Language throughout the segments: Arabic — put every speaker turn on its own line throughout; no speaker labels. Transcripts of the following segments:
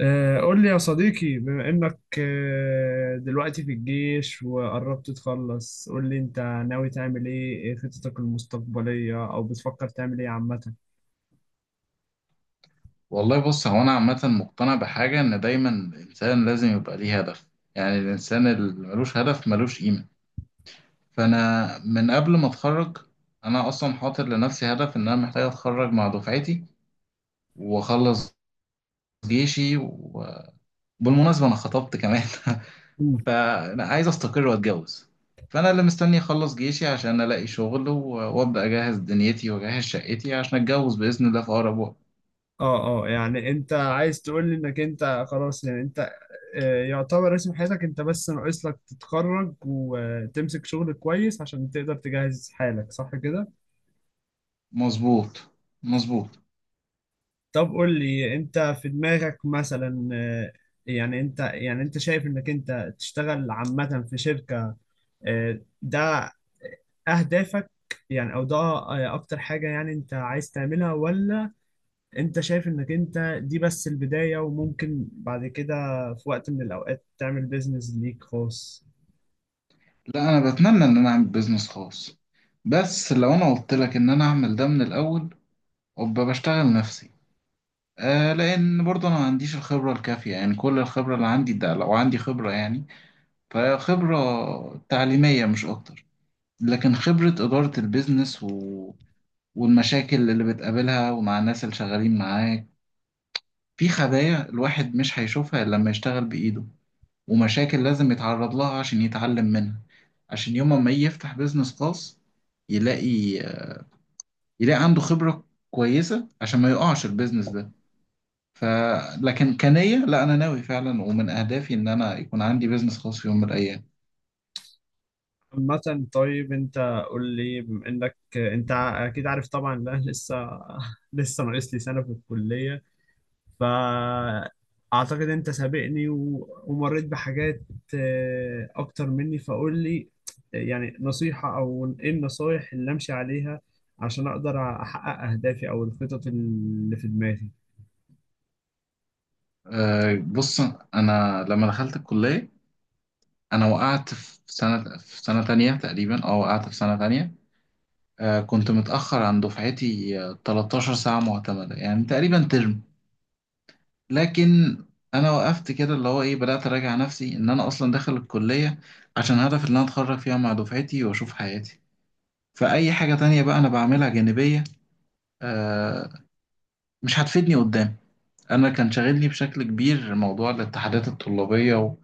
قول لي يا صديقي بما إنك دلوقتي في الجيش وقربت تخلص. قول لي أنت ناوي تعمل إيه خططك المستقبلية، أو بتفكر تعمل إيه عامة؟
والله، بص، هو أنا عامة مقتنع بحاجة إن دايما الإنسان لازم يبقى ليه هدف. يعني الإنسان اللي ملوش هدف ملوش قيمة. فأنا من قبل ما أتخرج، أنا أصلا حاطط لنفسي هدف إن أنا محتاج أتخرج مع دفعتي وأخلص جيشي. وبالمناسبة أنا خطبت كمان.
مم.
فأنا عايز أستقر وأتجوز. فأنا اللي مستني أخلص جيشي عشان ألاقي شغل وأبدأ أجهز دنيتي وأجهز شقتي عشان أتجوز بإذن الله في أقرب وقت.
يعني أنت عايز تقول لي إنك أنت خلاص، يعني أنت يعتبر رسم حياتك، أنت بس ناقص لك تتخرج وتمسك شغل كويس عشان تقدر تجهز حالك، صح كده؟
مظبوط، مظبوط.
طب قول لي، أنت في دماغك مثلا يعني أنت شايف إنك أنت تشتغل عامة في شركة؟ ده اهدافك، يعني او ده اكتر حاجة يعني انت عايز تعملها؟ ولا انت شايف انك انت دي بس البداية، وممكن بعد كده في وقت من الاوقات تعمل بيزنس ليك خاص؟
لا، انا بتمنى ان انا اعمل بيزنس خاص، بس لو انا قلت لك ان انا اعمل ده من الاول، ابقى بشتغل نفسي. لان برضه انا ما عنديش الخبره الكافيه، يعني كل الخبره اللي عندي ده لو عندي خبره يعني، فهي خبره تعليميه مش اكتر. لكن خبره اداره البيزنس والمشاكل اللي بتقابلها ومع الناس اللي شغالين معاك، في خبايا الواحد مش هيشوفها الا لما يشتغل بايده. ومشاكل لازم يتعرض لها عشان يتعلم منها، عشان يوم ما يجي يفتح بيزنس خاص يلاقي يلاقي عنده خبرة كويسة عشان ما يقعش البيزنس ده. ف لكن كنية لا، أنا ناوي فعلا، ومن أهدافي إن أنا يكون عندي بيزنس خاص في يوم من الأيام.
عامة طيب انت، قول لي، بما انك انت اكيد عارف طبعا. لا لسه لسه ناقص لي سنة في الكلية. فأعتقد أنت سابقني ومريت بحاجات أكتر مني. فقول لي يعني نصيحة، أو إيه النصايح اللي أمشي عليها عشان أقدر أحقق أهدافي أو الخطط اللي في دماغي؟
بص، أنا لما دخلت الكلية، أنا وقعت في سنة تانية تقريبا، وقعت في سنة تانية. كنت متأخر عن دفعتي 13 ساعة معتمدة يعني تقريبا ترم. لكن انا وقفت كده، اللي هو ايه، بدأت اراجع نفسي ان انا اصلا داخل الكلية عشان هدف ان انا اتخرج فيها مع دفعتي واشوف حياتي. فاي حاجة تانية بقى انا بعملها جانبية آه مش هتفيدني قدام. انا كان شاغلني بشكل كبير موضوع الاتحادات الطلابية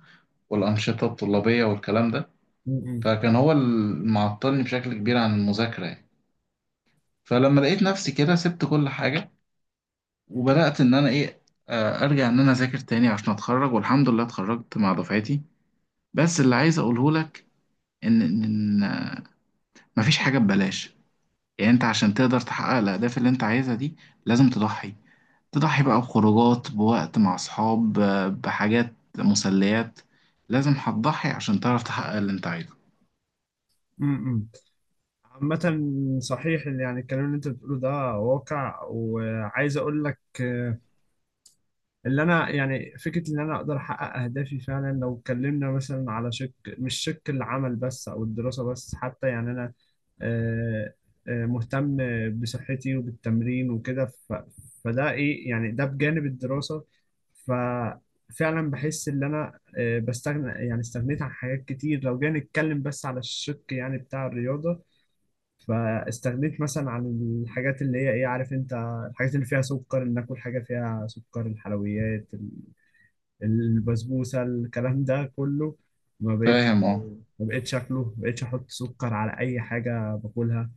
والانشطة الطلابية والكلام ده.
م- م-
فكان هو اللي معطلني بشكل كبير عن المذاكرة يعني. فلما لقيت نفسي كده سبت كل حاجة، وبدأت ان انا ايه ارجع ان انا اذاكر تاني عشان اتخرج، والحمد لله اتخرجت مع دفعتي. بس اللي عايز اقوله لك ان ان إن مفيش حاجه ببلاش. يعني انت عشان تقدر تحقق الاهداف اللي انت عايزها دي لازم تضحي. تضحي بقى بخروجات، بوقت مع اصحاب، بحاجات مسليات. لازم هتضحي عشان تعرف تحقق اللي انت عايزه.
م- م. عامة صحيح، اللي يعني الكلام اللي أنت بتقوله ده واقع. وعايز أقول لك اللي انا يعني فكره ان انا اقدر احقق اهدافي فعلا، لو اتكلمنا مثلا على شق، مش شق العمل بس او الدراسه بس، حتى يعني انا آه، مهتم بصحتي وبالتمرين وكده. فده ايه، يعني ده بجانب الدراسه. ففعلا بحس ان انا بستغنى، يعني استغنيت عن حاجات كتير، لو جينا نتكلم بس على الشق يعني بتاع الرياضه. فاستغنيت مثلا عن الحاجات اللي هي ايه، عارف انت، الحاجات اللي فيها سكر، ان اكل حاجه فيها سكر، الحلويات البسبوسه، الكلام ده كله. ما بقيت
فاهم، اه.
ما بقيتش اكله، ما بقيتش احط سكر على اي حاجه باكلها.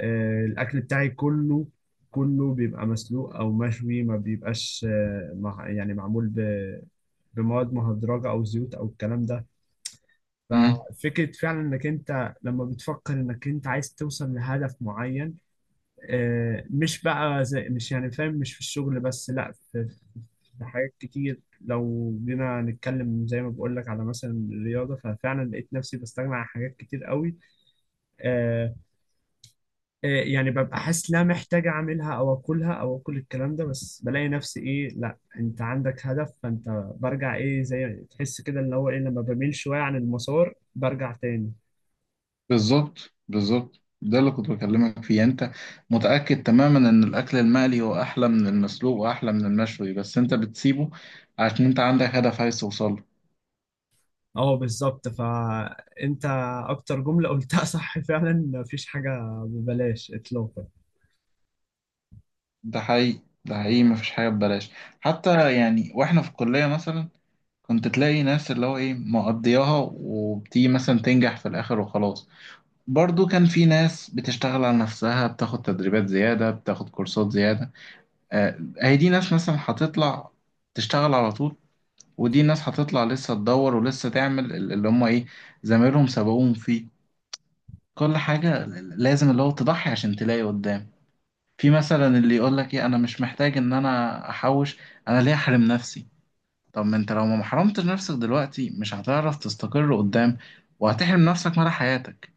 الاكل بتاعي كله، كله بيبقى مسلوق او مشوي، ما بيبقاش مع، يعني معمول بمواد مهدرجه او زيوت او الكلام ده.
امم.
ففكره فعلا انك انت لما بتفكر انك انت عايز توصل لهدف معين، مش بقى زي، مش يعني فاهم، مش في الشغل بس، لا في حاجات كتير. لو جينا نتكلم زي ما بقول لك على مثلا الرياضة، ففعلا لقيت نفسي بستغنى عن حاجات كتير قوي. آه يعني ببقى حاسس لا محتاج اعملها او اكلها او اكل الكلام ده، بس بلاقي نفسي ايه، لا انت عندك هدف فانت برجع ايه، زي تحس كده اللي هو ايه، لما بميل شوية عن المسار برجع تاني.
بالظبط، بالظبط، ده اللي كنت بكلمك فيه. يعني انت متأكد تماما ان الاكل المقلي هو احلى من المسلوق واحلى من المشوي، بس انت بتسيبه عشان انت عندك هدف عايز توصله.
اه بالظبط. فانت اكتر جملة قلتها صح فعلا مفيش حاجة ببلاش اطلاقا.
ده حقيقي، ده حقيقي، مفيش حاجة ببلاش. حتى يعني واحنا في الكلية مثلا، كنت تلاقي ناس اللي هو ايه مقضياها وبتيجي مثلا تنجح في الآخر وخلاص. برضو كان في ناس بتشتغل على نفسها، بتاخد تدريبات زيادة، بتاخد كورسات زيادة. هي دي ناس مثلا هتطلع تشتغل على طول. ودي ناس هتطلع لسه تدور ولسه تعمل اللي هم ايه زمايلهم سبقوهم فيه. كل حاجة لازم اللي هو تضحي عشان تلاقي قدام. في مثلا اللي يقول لك ايه انا مش محتاج ان انا احوش، انا ليه احرم نفسي؟ طب ما انت لو ما حرمتش نفسك دلوقتي مش هتعرف تستقر قدام، وهتحرم نفسك مدى حياتك.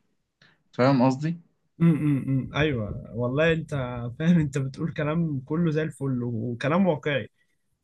فاهم قصدي؟
ايوه والله، انت فاهم، انت بتقول كلام كله زي الفل وكلام واقعي،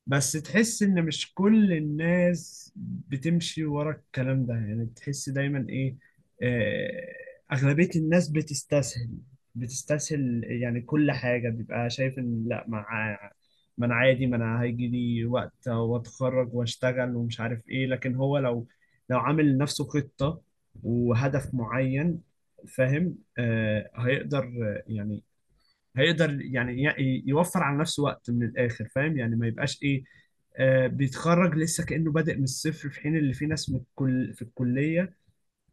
بس تحس ان مش كل الناس بتمشي ورا الكلام ده. يعني تحس دايما ايه، اغلبية الناس بتستسهل. بتستسهل، يعني كل حاجة بيبقى شايف ان لا، ما انا عادي، ما انا هيجي لي وقت واتخرج واشتغل ومش عارف ايه. لكن هو لو عامل لنفسه خطة وهدف معين، فاهم، آه هيقدر، يعني هيقدر يعني يوفر على نفسه وقت من الاخر، فاهم، يعني ما يبقاش ايه، آه، بيتخرج لسه كأنه بادئ من الصفر، في حين اللي في ناس من الكل في الكلية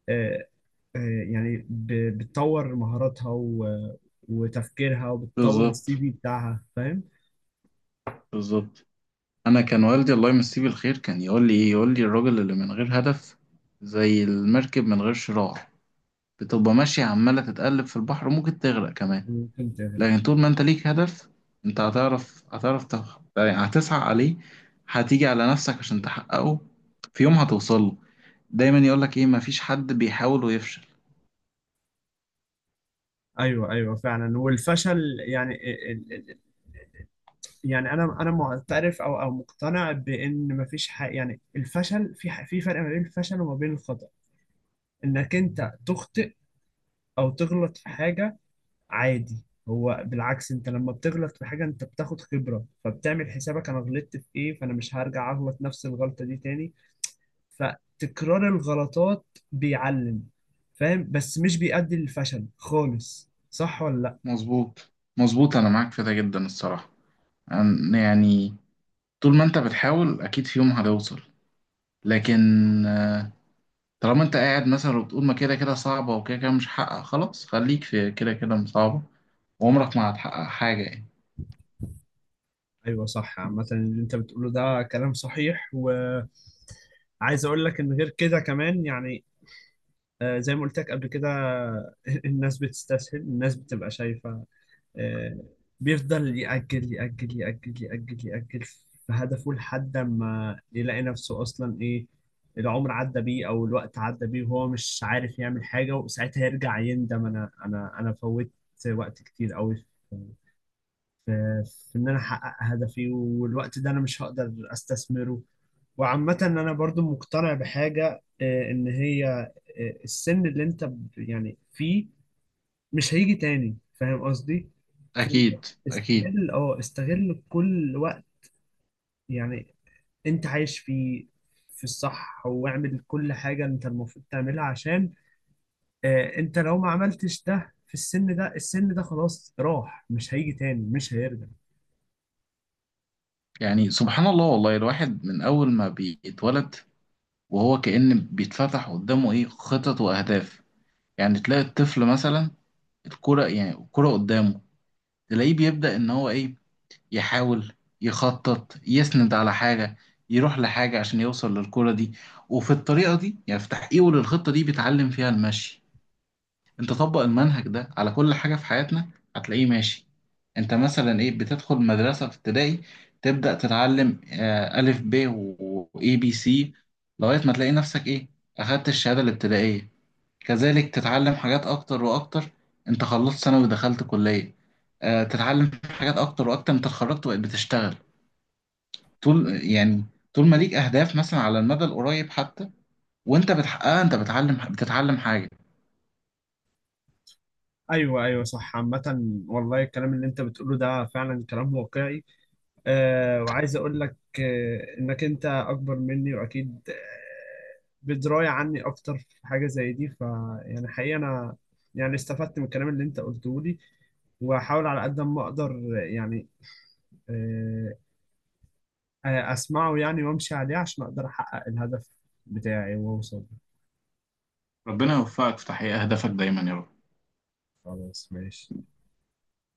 آه آه يعني بتطور مهاراتها وتفكيرها، وبتطور السي
بالظبط،
في بتاعها، فاهم.
بالظبط. انا كان والدي الله يمسيه بالخير كان يقول لي ايه، يقول لي الراجل اللي من غير هدف زي المركب من غير شراع، بتبقى ماشية عمالة تتقلب في البحر، ممكن تغرق كمان.
ممكن تغرق.
لكن طول ما انت ليك هدف، انت هتعرف يعني هتسعى عليه، هتيجي على نفسك عشان تحققه، في يوم هتوصل له. دايما يقولك ايه، مفيش حد بيحاول ويفشل.
ايوه ايوه فعلا، والفشل يعني ال- ال- يعني انا معترف او مقتنع بان مفيش حاجه، يعني الفشل في فرق ما بين الفشل وما بين الخطأ. انك انت تخطئ او تغلط في حاجة، عادي. هو بالعكس، انت لما بتغلط في حاجة انت بتاخد خبرة، فبتعمل حسابك انا غلطت في ايه، فانا مش هرجع اغلط نفس الغلطة دي تاني. فتكرار الغلطات بيعلم، فاهم، بس مش بيؤدي للفشل خالص، صح ولا لا؟
مظبوط، مظبوط، انا معاك في ده جدا الصراحة. يعني، طول ما انت بتحاول اكيد في يوم هتوصل، لكن آه، طالما انت قاعد مثلا وبتقول ما كده كده صعبة وكده كده مش هحقق، خلاص خليك في كده كده صعبة، وعمرك ما هتحقق حاجة يعني.
ايوه صح. عامة اللي انت بتقوله ده كلام صحيح، وعايز اقول لك ان غير كده كمان يعني زي ما قلت لك قبل كده الناس بتستسهل، الناس بتبقى شايفة، آه، بيفضل يأجل يأجل يأجل يأجل يأجل في هدفه لحد ما يلاقي نفسه أصلا إيه، العمر عدى بيه أو الوقت عدى بيه، وهو مش عارف يعمل حاجة. وساعتها يرجع يندم، أنا فوت وقت كتير أوي في في في إن أنا أحقق هدفي، والوقت ده أنا مش هقدر أستثمره. وعامة أنا برضو مقتنع بحاجة، إن هي السن اللي أنت يعني فيه مش هيجي تاني، فاهم قصدي. فأنت
اكيد، اكيد.
استغل كل وقت يعني انت عايش فيه في الصح، واعمل كل حاجة انت المفروض تعملها عشان، اه انت لو ما عملتش ده في السن ده خلاص راح، مش هيجي تاني، مش هيرجع.
يعني سبحان الله، والله الواحد من أول ما بيتولد وهو كأن بيتفتح قدامه إيه خطط وأهداف. يعني تلاقي الطفل مثلا الكرة، يعني الكرة قدامه، تلاقيه بيبدأ إن هو إيه يحاول، يخطط، يسند على حاجة، يروح لحاجة عشان يوصل للكرة دي. وفي الطريقة دي، يعني في تحقيقه للخطة دي، بيتعلم فيها المشي. انت طبق المنهج ده على كل حاجة في حياتنا، هتلاقيه ماشي. انت مثلا ايه بتدخل مدرسة في ابتدائي تبدأ تتعلم ألف ب وإي بي سي، لغاية ما تلاقي نفسك ايه أخدت الشهادة الابتدائية. كذلك تتعلم حاجات أكتر وأكتر. انت خلصت ثانوي ودخلت كلية، تتعلم حاجات أكتر وأكتر. انت اتخرجت وبقيت بتشتغل. طول يعني طول ما ليك أهداف مثلا على المدى القريب، حتى وانت بتحققها انت بتتعلم حاجة.
ايوه ايوه صح. عامة والله الكلام اللي انت بتقوله ده فعلا كلام واقعي، وعايز اقول لك انك انت اكبر مني، واكيد بدرايه عني اكتر في حاجه زي دي. يعني حقيقه انا يعني استفدت من الكلام اللي انت قلته لي، واحاول على قد ما اقدر، يعني آه، اسمعه يعني وامشي عليه عشان اقدر احقق الهدف بتاعي واوصل.
ربنا يوفقك في تحقيق أهدافك دايما يا رب.
خلاص ماشي.